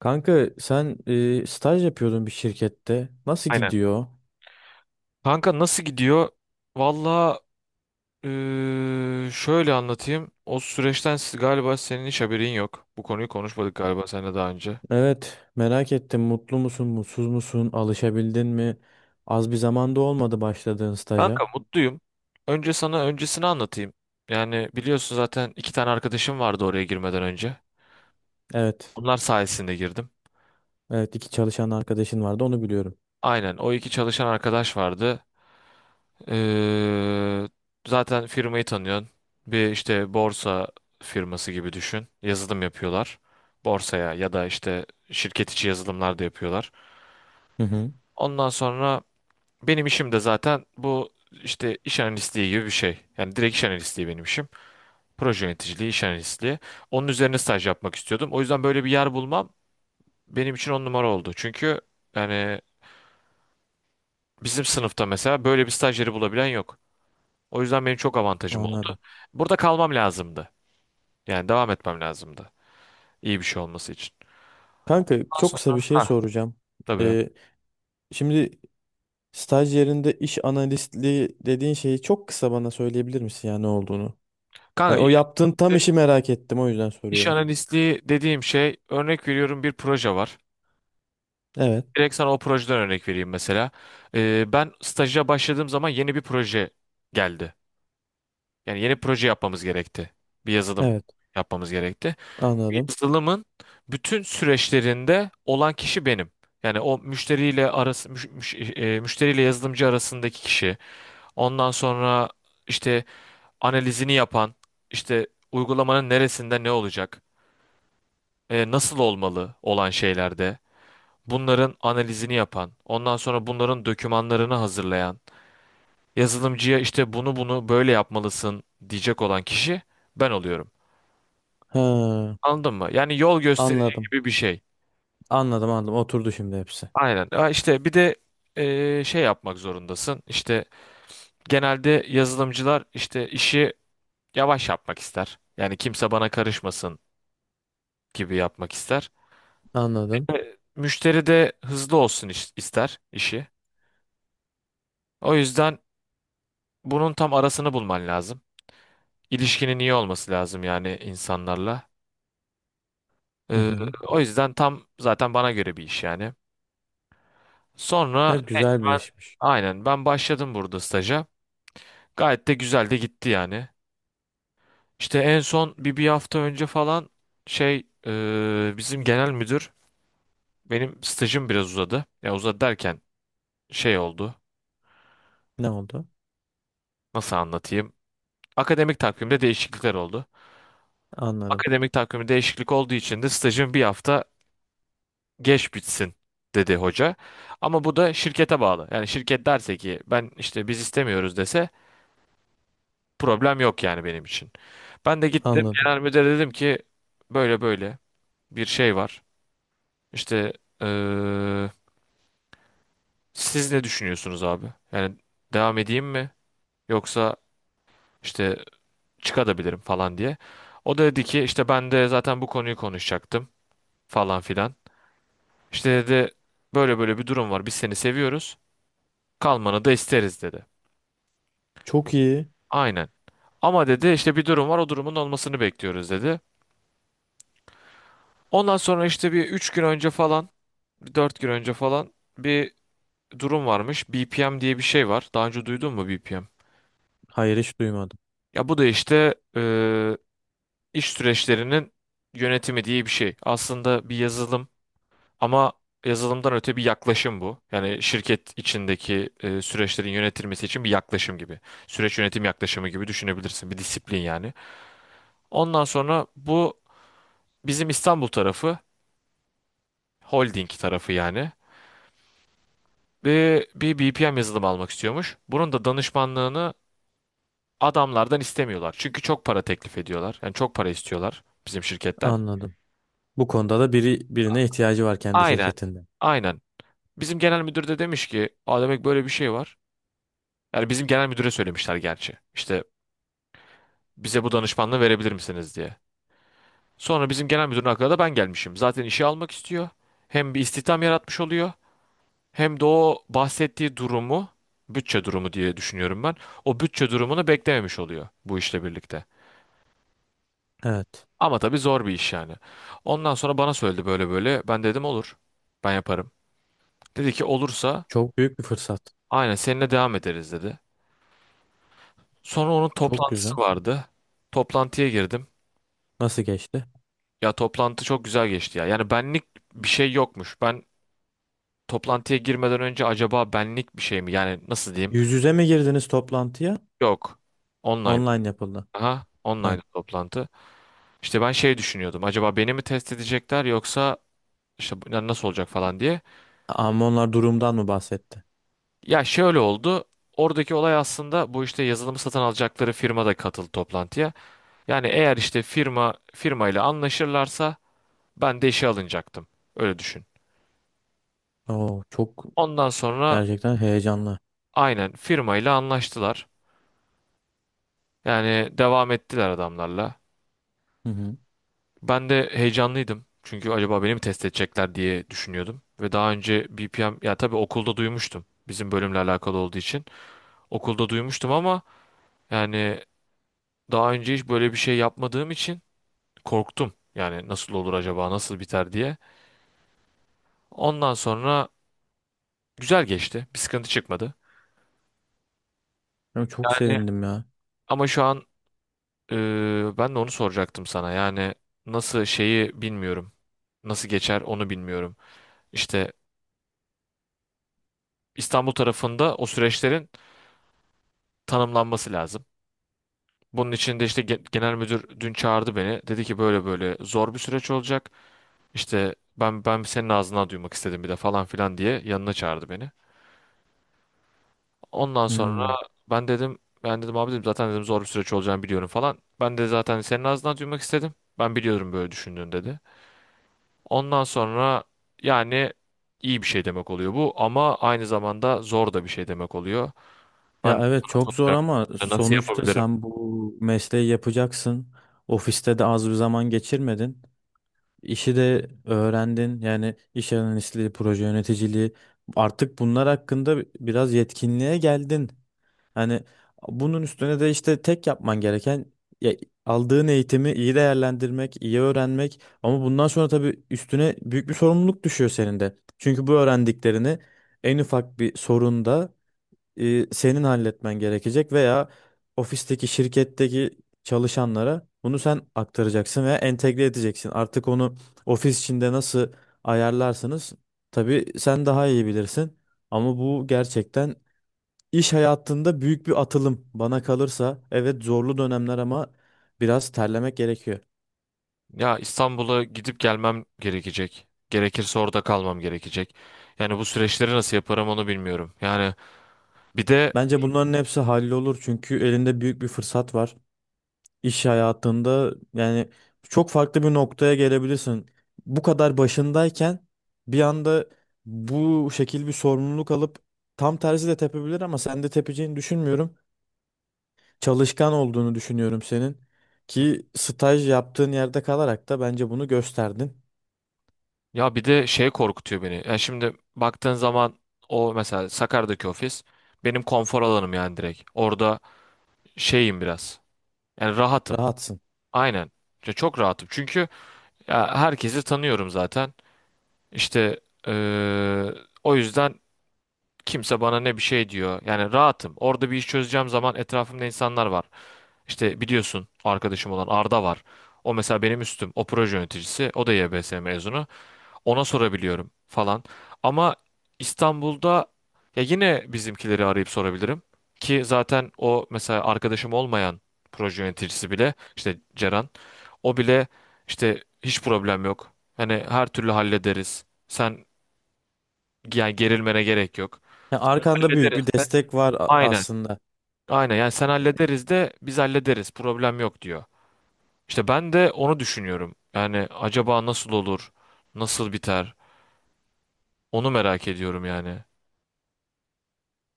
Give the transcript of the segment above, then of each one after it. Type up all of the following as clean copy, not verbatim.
Kanka sen staj yapıyordun bir şirkette. Nasıl Aynen. gidiyor? Kanka nasıl gidiyor? Valla şöyle anlatayım. O süreçten galiba senin hiç haberin yok. Bu konuyu konuşmadık galiba seninle daha önce. Evet, merak ettim. Mutlu musun, mutsuz musun? Alışabildin mi? Az bir zamanda olmadı başladığın Kanka staja. mutluyum. Önce sana öncesini anlatayım. Yani biliyorsun zaten iki tane arkadaşım vardı oraya girmeden önce. Evet. Onlar sayesinde girdim. Evet, iki çalışan arkadaşın vardı, onu biliyorum. Aynen, o iki çalışan arkadaş vardı. Ee, zaten firmayı tanıyorsun. Bir işte borsa firması gibi düşün. Yazılım yapıyorlar. Borsaya ya da işte şirket içi yazılımlar da yapıyorlar. Hı hı. Ondan sonra benim işim de zaten bu işte iş analistliği gibi bir şey. Yani direkt iş analistliği benim işim. Proje yöneticiliği, iş analistliği. Onun üzerine staj yapmak istiyordum. O yüzden böyle bir yer bulmam benim için on numara oldu. Çünkü yani bizim sınıfta mesela böyle bir stajyeri bulabilen yok. O yüzden benim çok avantajım oldu. Anladım. Burada kalmam lazımdı. Yani devam etmem lazımdı. İyi bir şey olması için. Kanka Ondan çok kısa bir sonra şey ha. soracağım. Tabii. E, Şimdi staj yerinde iş analistliği dediğin şeyi çok kısa bana söyleyebilir misin ya ne olduğunu? Ha, Kanka o iş, yaptığın tam işi merak ettim, o yüzden iş soruyorum. analistliği dediğim şey, örnek veriyorum, bir proje var. Evet. Direkt sana o projeden örnek vereyim mesela. Ben staja başladığım zaman yeni bir proje geldi. Yani yeni proje yapmamız gerekti. Bir yazılım Evet, yapmamız gerekti. Bu anladım. yazılımın bütün süreçlerinde olan kişi benim. Yani o müşteriyle arası müşteriyle yazılımcı arasındaki kişi. Ondan sonra işte analizini yapan, işte uygulamanın neresinde ne olacak, nasıl olmalı olan şeylerde, bunların analizini yapan, ondan sonra bunların dokümanlarını hazırlayan, yazılımcıya işte bunu bunu böyle yapmalısın diyecek olan kişi ben oluyorum. Ha. Anladın mı? Yani yol gösterici Anladım. gibi bir şey. Anladım, anladım. Oturdu şimdi hepsi. Aynen. Ha işte bir de şey yapmak zorundasın. İşte genelde yazılımcılar işte işi yavaş yapmak ister. Yani kimse bana karışmasın gibi yapmak ister. Anladım. Müşteri de hızlı olsun ister işi. O yüzden bunun tam arasını bulman lazım. İlişkinin iyi olması lazım yani insanlarla. Hı Ee, hı. o yüzden tam zaten bana göre bir iş yani. Sonra Evet, evet, güzel bir ben, işmiş. aynen, ben başladım burada staja. Gayet de güzel de gitti yani. İşte en son bir hafta önce falan bizim genel müdür, benim stajım biraz uzadı. Ya uzadı derken şey oldu. Ne oldu? Nasıl anlatayım? Akademik takvimde değişiklikler oldu. Anladım. Akademik takvimi değişiklik olduğu için de stajım bir hafta geç bitsin dedi hoca. Ama bu da şirkete bağlı. Yani şirket derse ki ben işte biz istemiyoruz dese, problem yok yani benim için. Ben de gittim Anladım. genel müdüre dedim ki böyle böyle bir şey var. İşte eee, siz ne düşünüyorsunuz abi? Yani devam edeyim mi? Yoksa işte çıkabilirim falan diye. O da dedi ki işte ben de zaten bu konuyu konuşacaktım falan filan. İşte dedi böyle böyle bir durum var. Biz seni seviyoruz. Kalmanı da isteriz dedi. Çok iyi. Aynen. Ama dedi işte bir durum var, o durumun olmasını bekliyoruz dedi. Ondan sonra işte bir 3 gün önce falan, 4 gün önce falan, bir durum varmış. BPM diye bir şey var. Daha önce duydun mu BPM? Hayır, hiç duymadım. Ya bu da işte iş süreçlerinin yönetimi diye bir şey. Aslında bir yazılım. Ama yazılımdan öte bir yaklaşım bu. Yani şirket içindeki süreçlerin yönetilmesi için bir yaklaşım gibi. Süreç yönetim yaklaşımı gibi düşünebilirsin. Bir disiplin yani. Ondan sonra bu bizim İstanbul tarafı, holding tarafı yani. Bir BPM yazılımı almak istiyormuş. Bunun da danışmanlığını adamlardan istemiyorlar. Çünkü çok para teklif ediyorlar. Yani çok para istiyorlar bizim şirketten. Anladım. Bu konuda da biri birine ihtiyacı var kendi Aynen. şirketinde. Aynen. Bizim genel müdür de demiş ki, aa, demek böyle bir şey var. Yani bizim genel müdüre söylemişler gerçi. İşte bize bu danışmanlığı verebilir misiniz diye. Sonra bizim genel müdürün aklına da ben gelmişim. Zaten işe almak istiyor. Hem bir istihdam yaratmış oluyor. Hem de o bahsettiği durumu, bütçe durumu diye düşünüyorum ben, o bütçe durumunu beklememiş oluyor bu işle birlikte. Evet. Ama tabii zor bir iş yani. Ondan sonra bana söyledi böyle böyle. Ben dedim olur. Ben yaparım. Dedi ki olursa Çok büyük bir fırsat. aynen seninle devam ederiz dedi. Sonra onun Çok güzel. toplantısı vardı. Toplantıya girdim. Nasıl geçti? Ya toplantı çok güzel geçti ya. Yani benlik bir şey yokmuş. Toplantıya girmeden önce acaba benlik bir şey mi? Yani nasıl diyeyim? Yüz yüze mi girdiniz toplantıya? Yok. Online. Online yapıldı. Aha, Evet. online toplantı. İşte ben şey düşünüyordum. Acaba beni mi test edecekler yoksa işte yani nasıl olacak falan diye. Ama onlar durumdan mı bahsetti? Ya şöyle oldu. Oradaki olay aslında bu, işte yazılımı satın alacakları firma da katıldı toplantıya. Yani eğer işte firma firmayla anlaşırlarsa ben de işe alınacaktım. Öyle düşün. Oo, çok Ondan sonra gerçekten heyecanlı. aynen firmayla anlaştılar. Yani devam ettiler adamlarla. Hı hı. Ben de heyecanlıydım. Çünkü acaba beni mi test edecekler diye düşünüyordum. Ve daha önce BPM, ya tabii, okulda duymuştum. Bizim bölümle alakalı olduğu için. Okulda duymuştum ama yani daha önce hiç böyle bir şey yapmadığım için korktum. Yani nasıl olur, acaba nasıl biter diye. Ondan sonra güzel geçti. Bir sıkıntı çıkmadı. Ya çok Yani sevindim ya. ama şu an e, ben de onu soracaktım sana. Yani nasıl, şeyi bilmiyorum. Nasıl geçer onu bilmiyorum. İşte İstanbul tarafında o süreçlerin tanımlanması lazım. Bunun için de işte genel müdür dün çağırdı beni. Dedi ki böyle böyle zor bir süreç olacak. İşte ben senin ağzından duymak istedim bir de falan filan diye yanına çağırdı beni. Ondan sonra Hmm. ben dedim abi, dedim zaten, dedim zor bir süreç olacağını biliyorum falan. Ben de zaten senin ağzından duymak istedim. Ben biliyorum böyle düşündüğünü dedi. Ondan sonra yani iyi bir şey demek oluyor bu ama aynı zamanda zor da bir şey demek oluyor. Ben Ya de evet, sana çok zor soracaktım, ama nasıl sonuçta yapabilirim? sen bu mesleği yapacaksın. Ofiste de az bir zaman geçirmedin. İşi de öğrendin. Yani iş analistliği, proje yöneticiliği. Artık bunlar hakkında biraz yetkinliğe geldin. Hani bunun üstüne de işte tek yapman gereken ya, aldığın eğitimi iyi değerlendirmek, iyi öğrenmek. Ama bundan sonra tabii üstüne büyük bir sorumluluk düşüyor senin de. Çünkü bu öğrendiklerini en ufak bir sorunda senin halletmen gerekecek veya ofisteki şirketteki çalışanlara bunu sen aktaracaksın veya entegre edeceksin. Artık onu ofis içinde nasıl ayarlarsınız? Tabii sen daha iyi bilirsin. Ama bu gerçekten iş hayatında büyük bir atılım bana kalırsa. Evet, zorlu dönemler ama biraz terlemek gerekiyor. Ya İstanbul'a gidip gelmem gerekecek. Gerekirse orada kalmam gerekecek. Yani bu süreçleri nasıl yaparım onu bilmiyorum. Yani bir de Bence bunların hepsi hallolur çünkü elinde büyük bir fırsat var. İş hayatında yani çok farklı bir noktaya gelebilirsin. Bu kadar başındayken bir anda bu şekil bir sorumluluk alıp tam tersi de tepebilir ama sen de tepeceğini düşünmüyorum. Çalışkan olduğunu düşünüyorum senin, ki staj yaptığın yerde kalarak da bence bunu gösterdin. bir de şey korkutuyor beni. Ya şimdi baktığın zaman, o mesela Sakarya'daki ofis benim konfor alanım yani, direkt. Orada şeyim biraz. Yani rahatım. Rahatsın. Aynen. Ya çok rahatım. Çünkü ya herkesi tanıyorum zaten. İşte eee, o yüzden kimse bana ne bir şey diyor. Yani rahatım. Orada bir iş çözeceğim zaman etrafımda insanlar var. İşte biliyorsun, arkadaşım olan Arda var. O mesela benim üstüm. O proje yöneticisi. O da YBS mezunu. Ona sorabiliyorum falan. Ama İstanbul'da, ya, yine bizimkileri arayıp sorabilirim. Ki zaten o mesela arkadaşım olmayan proje yöneticisi bile, işte Ceren, o bile işte hiç problem yok, hani her türlü hallederiz, sen yani gerilmene gerek yok. Ya arkanda büyük Hallederiz bir de. destek var Aynen. aslında. Aynen yani, sen hallederiz de, biz hallederiz. Problem yok diyor. İşte ben de onu düşünüyorum. Yani acaba nasıl olur? Nasıl biter? Onu merak ediyorum yani.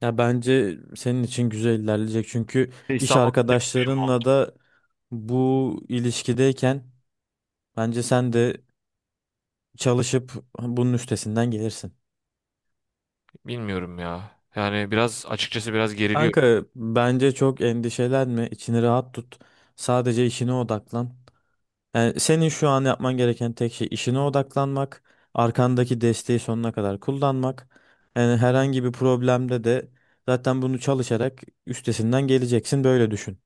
Ya bence senin için güzel ilerleyecek çünkü İşte iş İstanbul, arkadaşlarınla da bu ilişkideyken bence sen de çalışıp bunun üstesinden gelirsin. bilmiyorum ya. Yani biraz açıkçası biraz geriliyor. Kanka bence çok endişelenme, içini rahat tut. Sadece işine odaklan. Yani senin şu an yapman gereken tek şey işine odaklanmak, arkandaki desteği sonuna kadar kullanmak. Yani herhangi bir problemde de zaten bunu çalışarak üstesinden geleceksin, böyle düşün.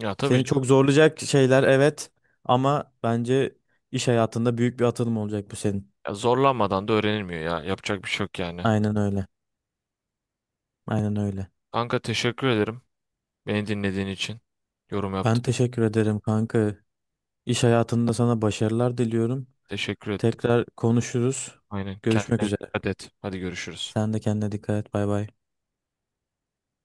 Ya tabii Seni çok canım, zorlayacak şeyler evet ama bence iş hayatında büyük bir atılım olacak bu senin. ya zorlanmadan da öğrenilmiyor ya. Yapacak bir şey yok yani. Aynen öyle. Aynen öyle. Kanka teşekkür ederim. Beni dinlediğin için. Yorum Ben yaptın. teşekkür ederim kanka. İş hayatında sana başarılar diliyorum. Teşekkür ettim. Tekrar konuşuruz. Aynen. Görüşmek Kendine üzere. dikkat et. Hadi görüşürüz. Sen de kendine dikkat et. Bay bay.